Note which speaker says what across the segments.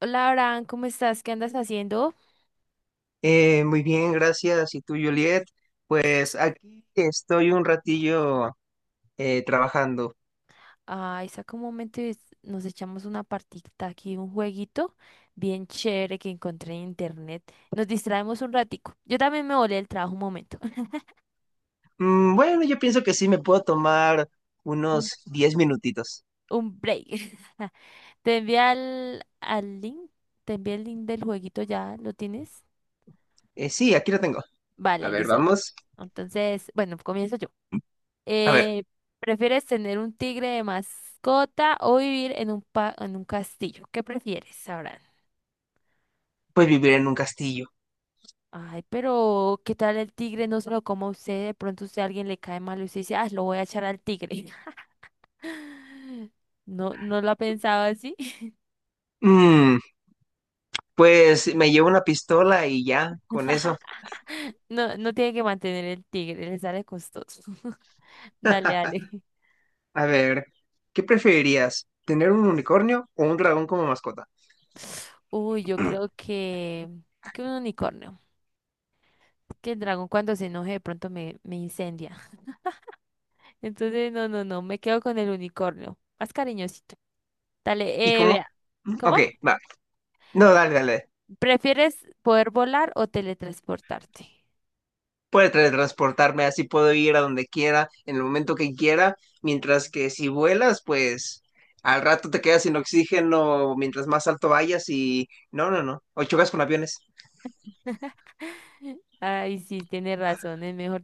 Speaker 1: Hola, Abraham, ¿cómo estás? ¿Qué andas haciendo?
Speaker 2: Muy bien, gracias. ¿Y tú, Juliet? Pues aquí estoy un ratillo trabajando.
Speaker 1: Ay, saca un momento y nos echamos una partita aquí, un jueguito bien chévere que encontré en internet. Nos distraemos un ratico. Yo también me volé del trabajo un momento.
Speaker 2: Bueno, yo pienso que sí me puedo tomar
Speaker 1: Un,
Speaker 2: unos 10 minutitos.
Speaker 1: un break. Te envié al link, te envié el link del jueguito, ¿ya lo tienes?
Speaker 2: Sí, aquí lo tengo. A
Speaker 1: Vale,
Speaker 2: ver,
Speaker 1: listo.
Speaker 2: vamos.
Speaker 1: Entonces, bueno, comienzo yo.
Speaker 2: A ver,
Speaker 1: Eh, ¿Prefieres tener un tigre de mascota o vivir en un, en un castillo? ¿Qué prefieres, Abraham?
Speaker 2: pues vivir en un castillo.
Speaker 1: Ay, pero ¿qué tal el tigre? No se lo coma usted, de pronto usted a alguien le cae mal y usted dice, ah, lo voy a echar al tigre. No, no lo ha pensado así.
Speaker 2: Mm, pues me llevo una pistola y ya, con eso.
Speaker 1: No, no tiene que mantener el tigre, le sale costoso. Dale, dale.
Speaker 2: A ver, ¿qué preferirías? ¿Tener un unicornio o un dragón como mascota?
Speaker 1: Uy, yo creo que un unicornio. Que el dragón cuando se enoje de pronto me incendia. Entonces, no, no, no, me quedo con el unicornio. Más cariñosito.
Speaker 2: ¿Y
Speaker 1: Dale,
Speaker 2: cómo?
Speaker 1: vea. ¿Cómo?
Speaker 2: Ok, va. No, dale, dale.
Speaker 1: ¿Prefieres poder volar o teletransportarte?
Speaker 2: Puede teletransportarme, así puedo ir a donde quiera, en el momento que quiera, mientras que si vuelas, pues al rato te quedas sin oxígeno mientras más alto vayas y no, no, no, o chocas con aviones.
Speaker 1: Ay, sí, tiene razón, es mejor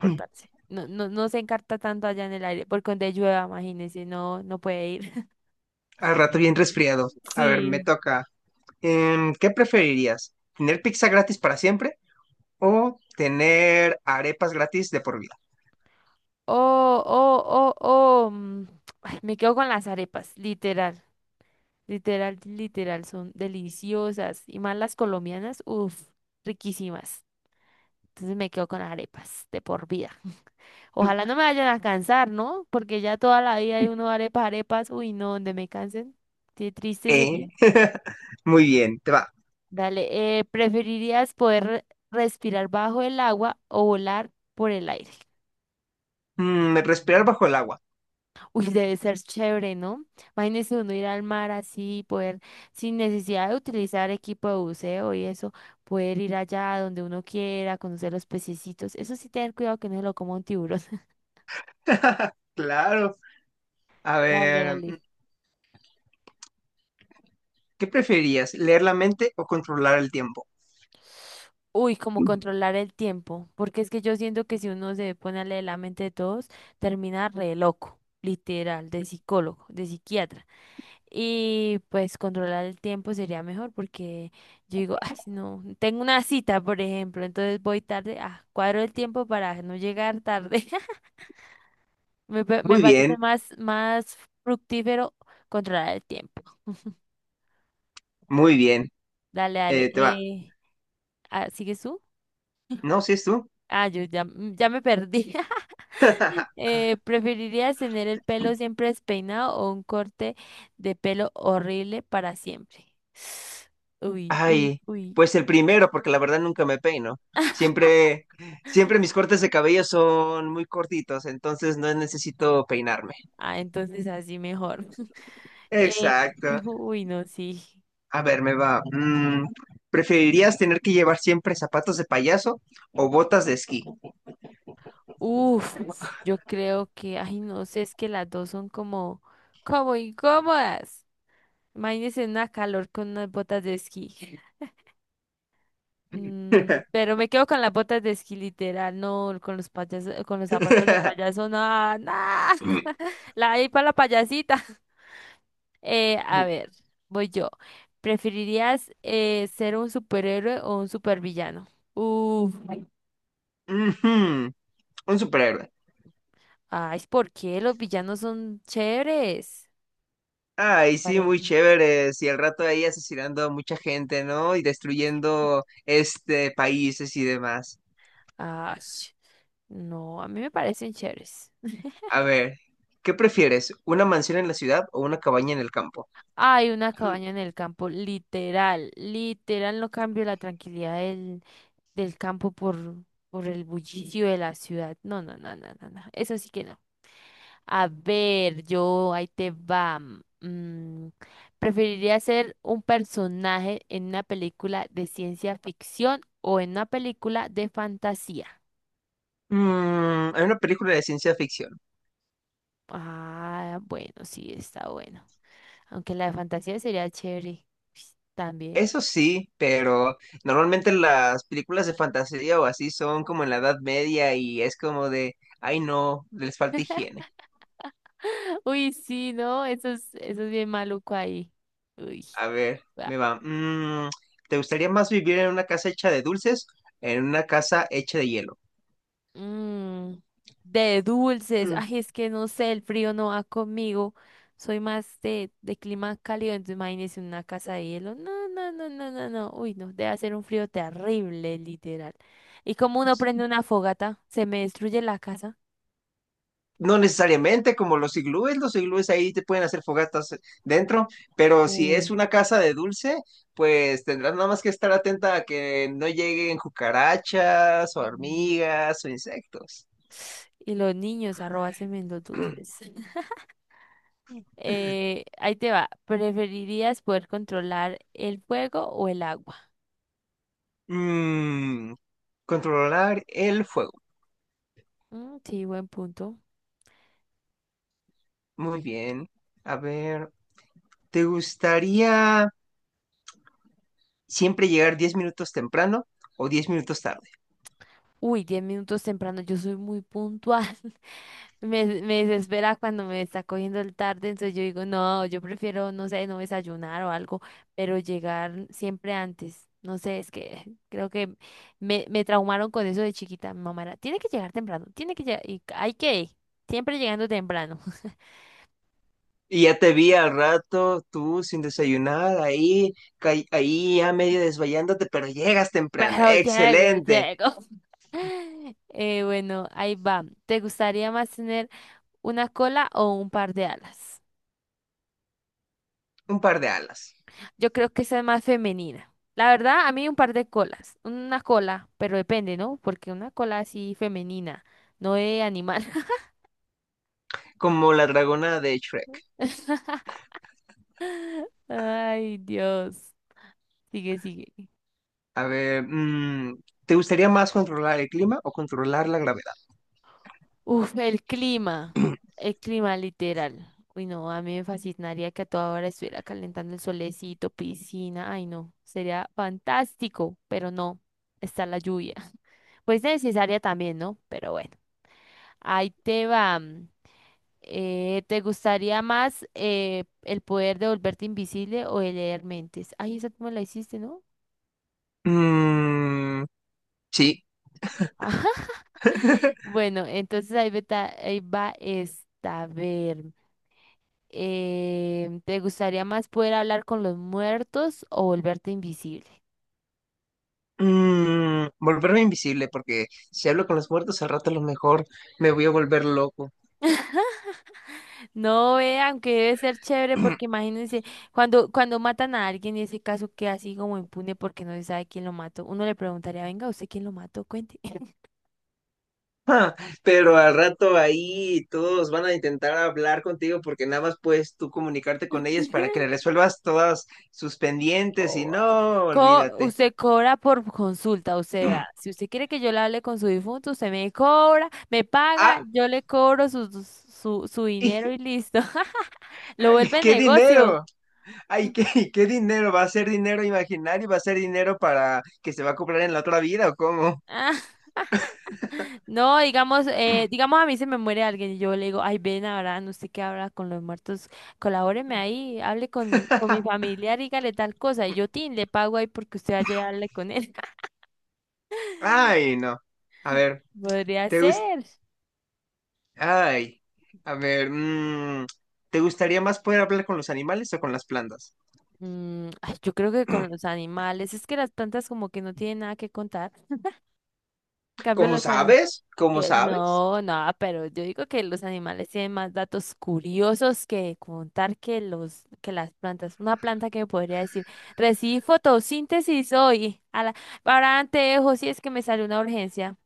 Speaker 1: No, no, no se encarta tanto allá en el aire, porque donde llueva, imagínese, no, no puede ir.
Speaker 2: Al rato bien resfriado. A ver, me
Speaker 1: Sí.
Speaker 2: toca. ¿Qué preferirías? ¿Tener pizza gratis para siempre o tener arepas gratis de por vida?
Speaker 1: Oh, oh, oh, oh. Ay, me quedo con las arepas, literal, literal, literal, son deliciosas. Y más las colombianas, uff, riquísimas. Entonces me quedo con las arepas, de por vida. Ojalá no me vayan a cansar, ¿no? Porque ya toda la vida hay uno arepas, arepas, uy, no, donde me cansen, qué triste sería.
Speaker 2: ¿Eh? Muy bien, te va.
Speaker 1: Dale, ¿preferirías poder respirar bajo el agua o volar por el aire?
Speaker 2: Respirar bajo el agua.
Speaker 1: Uy, debe ser chévere, ¿no? Imagínese uno ir al mar así, poder, sin necesidad de utilizar equipo de buceo y eso, poder ir allá donde uno quiera, conocer los pececitos. Eso sí, tener cuidado que no se lo coma un tiburón.
Speaker 2: Claro. A
Speaker 1: Dale,
Speaker 2: ver,
Speaker 1: dale.
Speaker 2: ¿qué preferías, leer la mente o controlar el tiempo?
Speaker 1: Uy, como controlar el tiempo, porque es que yo siento que si uno se pone a leer la mente de todos, termina re loco, literal, de psicólogo, de psiquiatra. Y pues controlar el tiempo sería mejor porque yo digo, ay, no, tengo una cita, por ejemplo, entonces voy tarde, ah, cuadro el tiempo para no llegar tarde. Me
Speaker 2: Muy
Speaker 1: parece
Speaker 2: bien,
Speaker 1: más, más fructífero controlar el tiempo.
Speaker 2: muy bien.
Speaker 1: Dale, dale.
Speaker 2: Te va.
Speaker 1: Ah, ¿sigues tú?
Speaker 2: No, si es tú.
Speaker 1: Ah, yo ya, ya me perdí. ¿Preferirías tener el pelo siempre despeinado o un corte de pelo horrible para siempre? Uy, uy,
Speaker 2: Ay,
Speaker 1: uy.
Speaker 2: pues el primero, porque la verdad nunca me peino. Siempre, Siempre mis cortes de cabello son muy cortitos, entonces no necesito peinarme.
Speaker 1: Ah, entonces así mejor. Eh,
Speaker 2: Exacto.
Speaker 1: uy, no, sí.
Speaker 2: A ver, me va. ¿Preferirías tener que llevar siempre zapatos de payaso o botas de esquí?
Speaker 1: Uf, yo creo que, ay, no sé, es que las dos son como, como incómodas. Imagínense una calor con unas botas de esquí. Mm, pero me quedo con las botas de esquí, literal, no, con los payasos, con los zapatos de payaso, no, no. La ahí para la payasita. A
Speaker 2: Ujú.
Speaker 1: ver, voy yo. ¿Preferirías ser un superhéroe o un supervillano? Uf.
Speaker 2: Un superhéroe.
Speaker 1: Ay, ¿por qué? Los villanos son chéveres.
Speaker 2: Ay, sí,
Speaker 1: Parece.
Speaker 2: muy chévere. Y al rato ahí asesinando a mucha gente, ¿no? Y destruyendo este países y demás.
Speaker 1: Ay, no, a mí me parecen chéveres.
Speaker 2: A ver, ¿qué prefieres? ¿Una mansión en la ciudad o una cabaña en el campo?
Speaker 1: Hay una cabaña en el campo, literal, literal, no cambio la tranquilidad del, del campo por el bullicio de la ciudad. No, no, no, no, no, no, eso sí que no. A ver, yo, ahí te va. Mm, ¿Preferiría ser un personaje en una película de ciencia ficción o en una película de fantasía?
Speaker 2: Mm, hay una película de ciencia ficción.
Speaker 1: Ah, bueno, sí, está bueno. Aunque la de fantasía sería chévere pues, también.
Speaker 2: Eso sí, pero normalmente las películas de fantasía o así son como en la Edad Media y es como de, ay no, les falta higiene.
Speaker 1: Uy, sí, ¿no? Eso es bien maluco ahí. Uy.
Speaker 2: A ver,
Speaker 1: Va.
Speaker 2: me va. ¿Te gustaría más vivir en una casa hecha de dulces, en una casa hecha de hielo?
Speaker 1: Mm, de dulces.
Speaker 2: Mm.
Speaker 1: Ay, es que no sé, el frío no va conmigo. Soy más de clima cálido, entonces imagínese una casa de hielo. No, no, no, no, no, no. Uy, no, debe hacer un frío terrible, literal. ¿Y como uno prende una fogata? ¿Se me destruye la casa?
Speaker 2: No necesariamente como los iglúes ahí te pueden hacer fogatas dentro, pero si
Speaker 1: Uh,
Speaker 2: es una casa de dulce, pues tendrás nada más que estar atenta a que no lleguen cucarachas o hormigas o insectos.
Speaker 1: Y los niños, arroba semen los dulces. Ahí te va. ¿Preferirías poder controlar el fuego o el agua?
Speaker 2: Mm, Controlar el fuego.
Speaker 1: Mm, sí, buen punto.
Speaker 2: Muy bien. A ver, ¿te gustaría siempre llegar 10 minutos temprano o 10 minutos tarde?
Speaker 1: Uy, 10 minutos temprano, yo soy muy puntual. Me desespera cuando me está cogiendo el tarde, entonces yo digo, no, yo prefiero, no sé, no desayunar o algo, pero llegar siempre antes. No sé, es que creo que me traumaron con eso de chiquita. Mi mamá era, tiene que llegar temprano, tiene que llegar, y hay que ir, siempre llegando temprano.
Speaker 2: Y ya te vi al rato, tú sin desayunar, ahí, ahí ya medio desvayándote, pero llegas temprano.
Speaker 1: Pero llego,
Speaker 2: Excelente.
Speaker 1: llego. Bueno, ahí va. ¿Te gustaría más tener una cola o un par de alas?
Speaker 2: Un par de alas,
Speaker 1: Yo creo que esa es más femenina. La verdad, a mí un par de colas. Una cola, pero depende, ¿no? Porque una cola así femenina, no de animal.
Speaker 2: como la dragona de Shrek.
Speaker 1: Ay, Dios. Sigue, sigue.
Speaker 2: A ver, mm, ¿te gustaría más controlar el clima o controlar la gravedad?
Speaker 1: Uf, el clima literal. Uy, no, a mí me fascinaría que a toda hora estuviera calentando el solecito, piscina. Ay, no, sería fantástico, pero no, está la lluvia. Pues necesaria también, ¿no? Pero bueno, ahí te va. Mm, eh, ¿te gustaría más el poder de volverte invisible o el leer mentes? Ay, esa tú me la hiciste, ¿no?
Speaker 2: Mm, sí.
Speaker 1: Ajá. Bueno, entonces ahí va esta. A ver. ¿Te gustaría más poder hablar con los muertos o volverte invisible?
Speaker 2: Mm, volverme invisible, porque si hablo con los muertos al rato a lo mejor me voy a volver loco.
Speaker 1: No, vean aunque debe ser chévere porque imagínense, cuando matan a alguien y ese caso queda así como impune porque no se sabe quién lo mató, uno le preguntaría, venga, ¿usted quién lo mató? Cuente.
Speaker 2: Pero al rato ahí todos van a intentar hablar contigo porque nada más puedes tú comunicarte con ellas para que le resuelvas todas sus pendientes y
Speaker 1: O, ah,
Speaker 2: no, olvídate.
Speaker 1: usted cobra por consulta, o sea, si usted quiere que yo le hable con su difunto, usted me cobra, me paga,
Speaker 2: Ah,
Speaker 1: yo le cobro su dinero
Speaker 2: y-
Speaker 1: y listo. Lo
Speaker 2: ay,
Speaker 1: vuelve
Speaker 2: qué
Speaker 1: negocio.
Speaker 2: dinero. Ay, qué, qué dinero. ¿Va a ser dinero imaginario? ¿Va a ser dinero para que se va a comprar en la otra vida o cómo?
Speaker 1: No, digamos, digamos a mí se me muere alguien y yo le digo, ay, ven ahora, no sé qué habla con los muertos, colabóreme ahí, hable con mi familiar, dígale tal cosa, y yo, tin, le pago ahí porque usted vaya y hable con él.
Speaker 2: Ay, no. A ver,
Speaker 1: Podría
Speaker 2: ¿te gusta?
Speaker 1: ser.
Speaker 2: Ay, a ver, mm, ¿te gustaría más poder hablar con los animales o con las plantas?
Speaker 1: Mm, ay, yo creo que con los animales, es que las plantas como que no tienen nada que contar. En cambio,
Speaker 2: ¿Cómo
Speaker 1: los animales.
Speaker 2: sabes? ¿Cómo
Speaker 1: Que
Speaker 2: sabes?
Speaker 1: no, no, pero yo digo que los animales tienen más datos curiosos que contar que los que las plantas. Una planta que me podría decir, recibí fotosíntesis hoy, a la, para anteojos si es que me sale una urgencia.